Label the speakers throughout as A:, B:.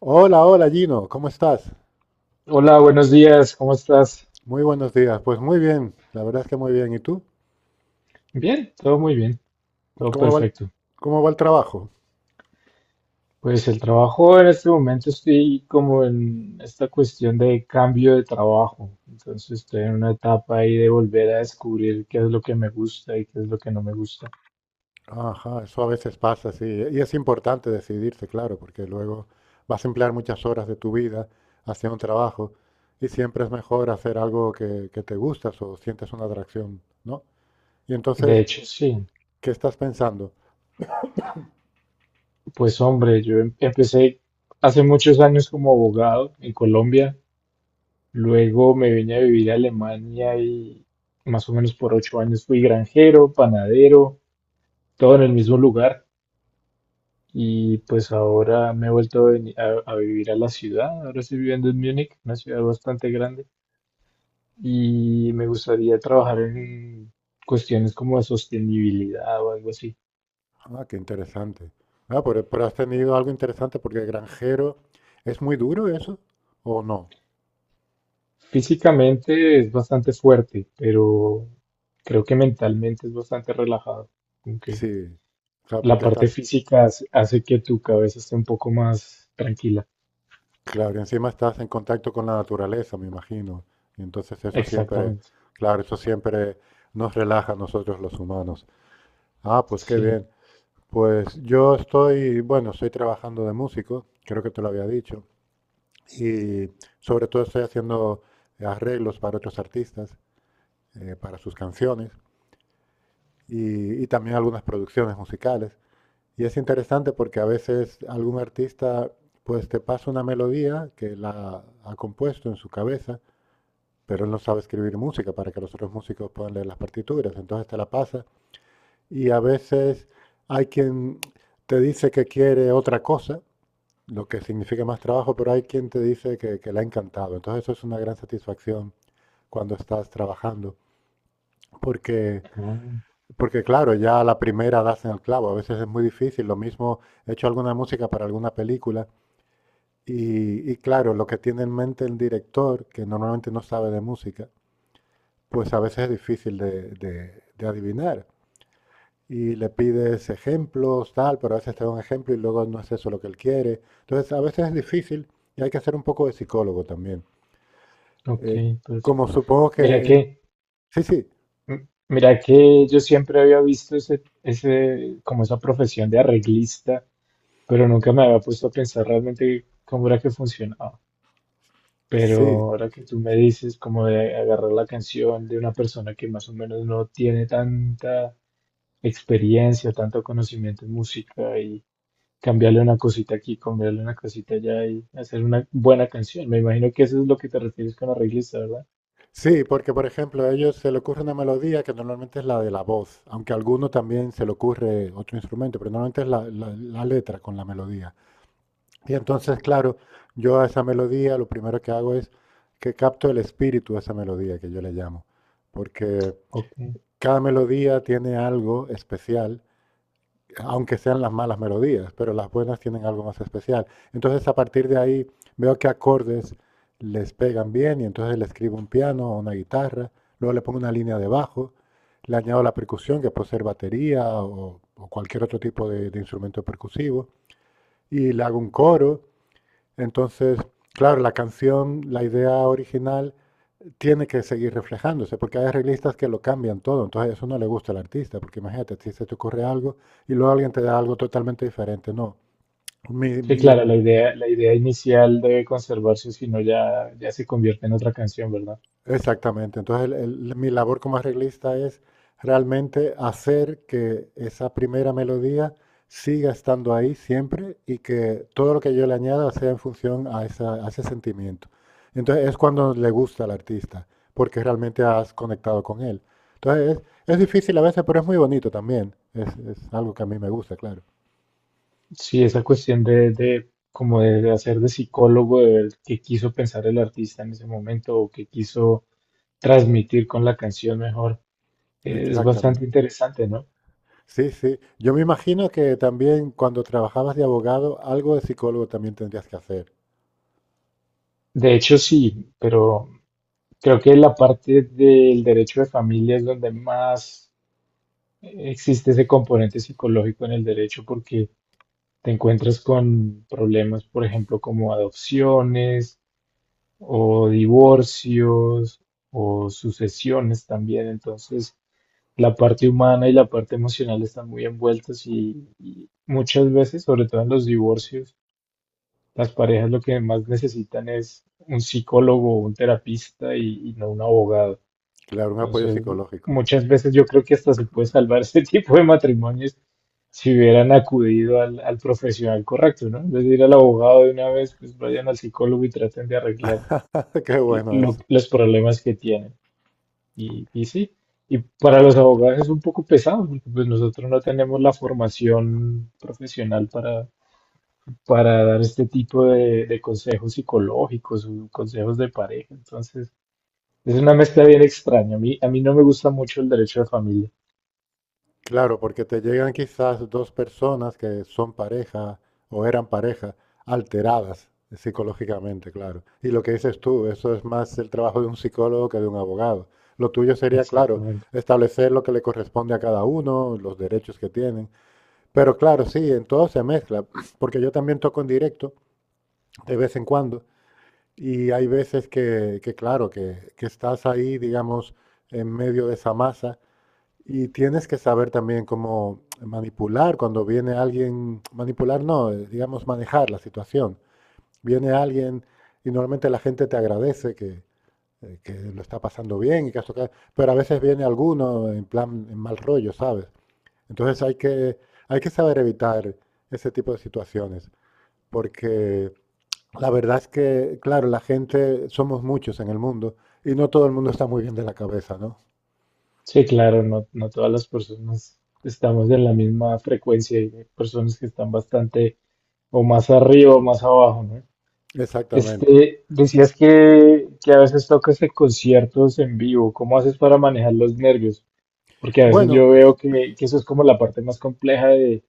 A: Hola, hola Gino, ¿cómo estás?
B: Hola, buenos días, ¿cómo estás?
A: Muy buenos días. Pues muy bien, la verdad es que muy bien. ¿Y tú?
B: Bien, todo muy bien, todo
A: ¿Cómo va el,
B: perfecto.
A: ¿Cómo va el trabajo?
B: Pues el trabajo en este momento estoy como en esta cuestión de cambio de trabajo, entonces estoy en una etapa ahí de volver a descubrir qué es lo que me gusta y qué es lo que no me gusta.
A: Ajá, eso a veces pasa, sí. Y es importante decidirse, claro, porque luego vas a emplear muchas horas de tu vida hacia un trabajo y siempre es mejor hacer algo que te gustas o sientes una atracción, ¿no? Y
B: De
A: entonces,
B: hecho, sí,
A: ¿qué estás pensando?
B: pues hombre, yo empecé hace muchos años como abogado en Colombia, luego me vine a vivir a Alemania y más o menos por 8 años fui granjero, panadero, todo en el mismo lugar. Y pues ahora me he vuelto a vivir a la ciudad. Ahora estoy viviendo en Múnich, una ciudad bastante grande. Y me gustaría trabajar en cuestiones como de sostenibilidad o algo así.
A: Ah, qué interesante. Ah, pero has tenido algo interesante porque granjero, ¿es muy duro eso o no?
B: Físicamente es bastante fuerte, pero creo que mentalmente es bastante relajado. Como que
A: Sí, claro,
B: la
A: porque
B: parte
A: estás,
B: física hace que tu cabeza esté un poco más tranquila.
A: claro, y encima estás en contacto con la naturaleza, me imagino. Y entonces eso siempre,
B: Exactamente.
A: claro, eso siempre nos relaja a nosotros los humanos. Ah, pues qué
B: Sí.
A: bien. Pues yo estoy, bueno, estoy trabajando de músico, creo que te lo había dicho, y sobre todo estoy haciendo arreglos para otros artistas, para sus canciones y también algunas producciones musicales. Y es interesante porque a veces algún artista pues te pasa una melodía que la ha compuesto en su cabeza, pero él no sabe escribir música para que los otros músicos puedan leer las partituras, entonces te la pasa. Y a veces hay quien te dice que quiere otra cosa, lo que significa más trabajo, pero hay quien te dice que le ha encantado. Entonces eso es una gran satisfacción cuando estás trabajando. Porque,
B: Ah,
A: porque claro, ya a la primera das en el clavo, a veces es muy difícil. Lo mismo, he hecho alguna música para alguna película. Y claro, lo que tiene en mente el director, que normalmente no sabe de música, pues a veces es difícil de adivinar. Y le pides ejemplos, tal, pero a veces te da un ejemplo y luego no es eso lo que él quiere. Entonces, a veces es difícil y hay que hacer un poco de psicólogo también.
B: ok,
A: Eh, como
B: perfecto.
A: supongo que...
B: Mira
A: en-
B: que...
A: Sí,
B: Mira que yo siempre había visto ese, como esa profesión de arreglista, pero nunca me había puesto a pensar realmente cómo era que funcionaba. Pero
A: sí,
B: ahora que tú me dices como de agarrar la canción de una persona que más o menos no tiene tanta experiencia, tanto conocimiento en música y cambiarle una cosita aquí, cambiarle una cosita allá y hacer una buena canción. Me imagino que eso es lo que te refieres con arreglista, ¿verdad?
A: sí, porque por ejemplo a ellos se le ocurre una melodía que normalmente es la de la voz, aunque a alguno también se le ocurre otro instrumento, pero normalmente es la letra con la melodía. Y entonces, claro, yo a esa melodía lo primero que hago es que capto el espíritu de esa melodía, que yo le llamo, porque
B: Ok.
A: cada melodía tiene algo especial, aunque sean las malas melodías, pero las buenas tienen algo más especial. Entonces, a partir de ahí, veo qué acordes les pegan bien y entonces le escribo un piano o una guitarra, luego le pongo una línea de bajo, le añado la percusión, que puede ser batería o cualquier otro tipo de instrumento percusivo, y le hago un coro. Entonces, claro, la canción, la idea original tiene que seguir reflejándose, porque hay arreglistas que lo cambian todo, entonces eso no le gusta al artista, porque imagínate, si se te ocurre algo y luego alguien te da algo totalmente diferente, no. Mi,
B: Sí,
A: mi
B: claro, la idea inicial debe conservarse, si no ya, ya se convierte en otra canción, ¿verdad?
A: Exactamente. Entonces, mi labor como arreglista es realmente hacer que esa primera melodía siga estando ahí siempre y que todo lo que yo le añada sea en función a, a ese sentimiento. Entonces, es cuando le gusta al artista, porque realmente has conectado con él. Entonces, es difícil a veces, pero es muy bonito también. Es algo que a mí me gusta, claro.
B: Sí, esa cuestión de como de hacer de psicólogo, de ver qué quiso pensar el artista en ese momento o qué quiso transmitir con la canción mejor, es
A: Exactamente.
B: bastante interesante, ¿no?
A: Sí, sí. Yo me imagino que también cuando trabajabas de abogado, algo de psicólogo también tendrías que hacer.
B: De hecho, sí, pero creo que la parte del derecho de familia es donde más existe ese componente psicológico en el derecho, porque te encuentras con problemas, por ejemplo, como adopciones o divorcios o sucesiones también. Entonces, la parte humana y la parte emocional están muy envueltas y muchas veces, sobre todo en los divorcios, las parejas lo que más necesitan es un psicólogo o un terapista y no un abogado.
A: Claro, un apoyo
B: Entonces,
A: psicológico.
B: muchas veces yo creo que hasta se puede salvar este tipo de matrimonios si hubieran acudido al, al profesional correcto, ¿no? En vez de ir al abogado de una vez, pues vayan al psicólogo y traten de arreglar
A: Qué bueno eso.
B: los problemas que tienen. Y sí, y para los abogados es un poco pesado, porque pues nosotros no tenemos la formación profesional para, dar este tipo de consejos psicológicos o consejos de pareja. Entonces, es una mezcla bien extraña. A mí no me gusta mucho el derecho de familia.
A: Claro, porque te llegan quizás dos personas que son pareja o eran pareja, alteradas psicológicamente, claro. Y lo que dices tú, eso es más el trabajo de un psicólogo que de un abogado. Lo tuyo sería, claro,
B: Exactamente.
A: establecer lo que le corresponde a cada uno, los derechos que tienen. Pero claro, sí, en todo se mezcla, porque yo también toco en directo de vez en cuando y hay veces que claro, que estás ahí, digamos, en medio de esa masa. Y tienes que saber también cómo manipular cuando viene alguien, manipular no, digamos manejar la situación. Viene alguien y normalmente la gente te agradece que lo está pasando bien y que has tocado, pero a veces viene alguno en plan en mal rollo, ¿sabes? Entonces hay que saber evitar ese tipo de situaciones, porque la verdad es que, claro, la gente, somos muchos en el mundo y no todo el mundo está muy bien de la cabeza, ¿no?
B: Sí, claro, no, no todas las personas estamos en la misma frecuencia y hay personas que están bastante o más arriba o más abajo, ¿no?
A: Exactamente.
B: Este, decías que a veces tocas en conciertos en vivo. ¿Cómo haces para manejar los nervios? Porque a veces
A: Bueno,
B: yo veo que eso es como la parte más compleja de,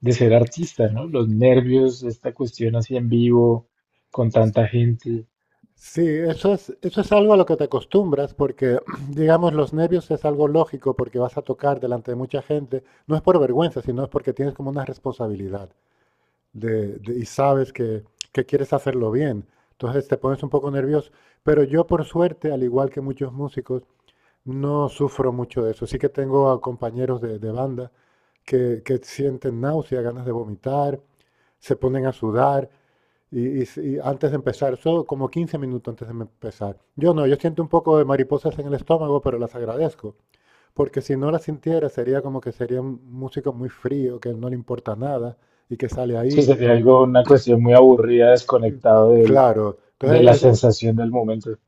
B: de ser artista, ¿no? Los nervios, esta cuestión así en vivo, con tanta gente.
A: sí, eso es algo a lo que te acostumbras, porque, digamos, los nervios es algo lógico porque vas a tocar delante de mucha gente. No es por vergüenza, sino es porque tienes como una responsabilidad y sabes que quieres hacerlo bien. Entonces te pones un poco nervioso. Pero yo, por suerte, al igual que muchos músicos, no sufro mucho de eso. Sí que tengo a compañeros de banda que sienten náusea, ganas de vomitar, se ponen a sudar. Antes de empezar, eso como 15 minutos antes de empezar. Yo no, yo siento un poco de mariposas en el estómago, pero las agradezco. Porque si no las sintiera, sería como que sería un músico muy frío, que no le importa nada y que sale
B: Sí,
A: ahí.
B: sería algo, una cuestión muy aburrida, desconectado del,
A: Claro.
B: de la sensación del momento.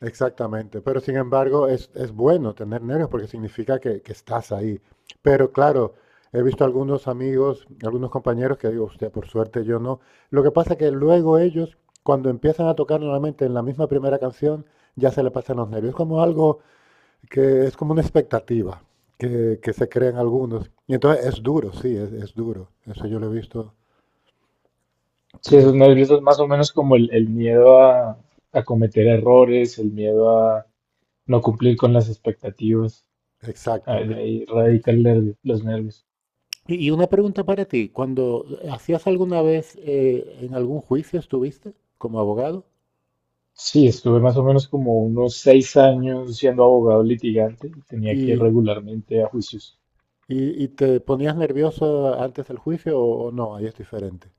A: Exactamente, pero sin embargo es bueno tener nervios porque significa que estás ahí. Pero claro, he visto algunos amigos, algunos compañeros que digo, usted, por suerte yo no. Lo que pasa es que luego ellos, cuando empiezan a tocar nuevamente en la misma primera canción, ya se le pasan los nervios. Es como algo que es como una expectativa que se crean algunos. Y entonces es duro, sí, es duro. Eso yo lo he visto.
B: Sí, esos nervios es más o menos como el miedo a cometer errores, el miedo a no cumplir con las expectativas. Ah,
A: Exacto.
B: de ahí radica el nervio, los nervios.
A: Y una pregunta para ti, cuando hacías alguna vez en algún juicio estuviste como abogado
B: Sí, estuve más o menos como unos 6 años siendo abogado litigante y tenía que ir
A: y,
B: regularmente a juicios.
A: y te ponías nervioso antes del juicio o no, ahí es diferente.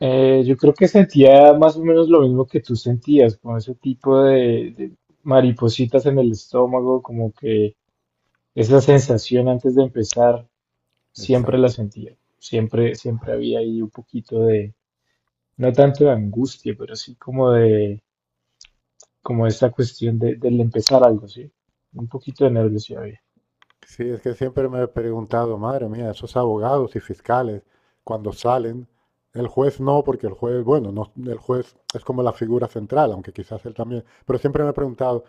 B: Yo creo que sentía más o menos lo mismo que tú sentías, con ese tipo de maripositas en el estómago, como que esa sensación antes de empezar. Siempre la
A: Exacto.
B: sentía. Siempre, siempre había ahí un poquito de, no tanto de angustia, pero sí como de, como esta cuestión de, del empezar algo, ¿sí? Un poquito de nervios sí había.
A: Sí, es que siempre me he preguntado, madre mía, esos abogados y fiscales, cuando salen, el juez no, porque el juez, bueno, no, el juez es como la figura central, aunque quizás él también, pero siempre me he preguntado,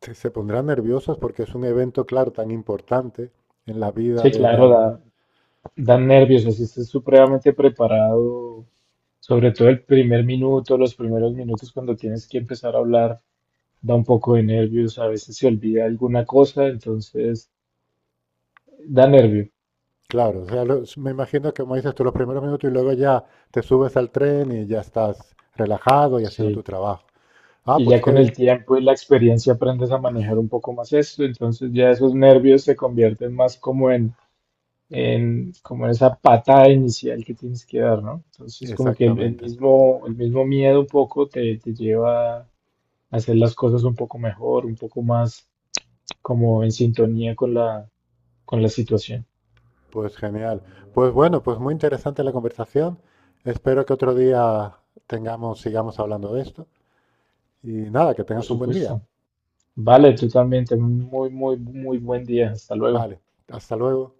A: ¿se pondrán nerviosos porque es un evento, claro, tan importante en la vida
B: Sí,
A: de
B: claro,
A: algo?
B: da, dan nervios, así estás supremamente preparado, sobre todo el primer minuto, los primeros minutos cuando tienes que empezar a hablar, da un poco de nervios, a veces se olvida alguna cosa, entonces da nervio,
A: Claro, o sea, los, me imagino que como dices tú, los primeros minutos y luego ya te subes al tren y ya estás relajado y haciendo tu
B: sí.
A: trabajo. Ah,
B: Y ya
A: pues qué
B: con el
A: bien,
B: tiempo y la experiencia aprendes a manejar un poco más esto, entonces ya esos nervios se convierten más como en, como en esa patada inicial que tienes que dar, ¿no? Entonces como que el, el
A: exactamente.
B: mismo, el mismo miedo un poco te, lleva a hacer las cosas un poco mejor, un poco más como en sintonía con la situación,
A: Pues genial. Pues bueno, pues muy interesante la conversación. Espero que otro día tengamos, sigamos hablando de esto. Y nada, que
B: por
A: tengas un buen día.
B: supuesto. Vale, tú también, ten un muy, muy, muy buen día. Hasta luego.
A: Vale, hasta luego.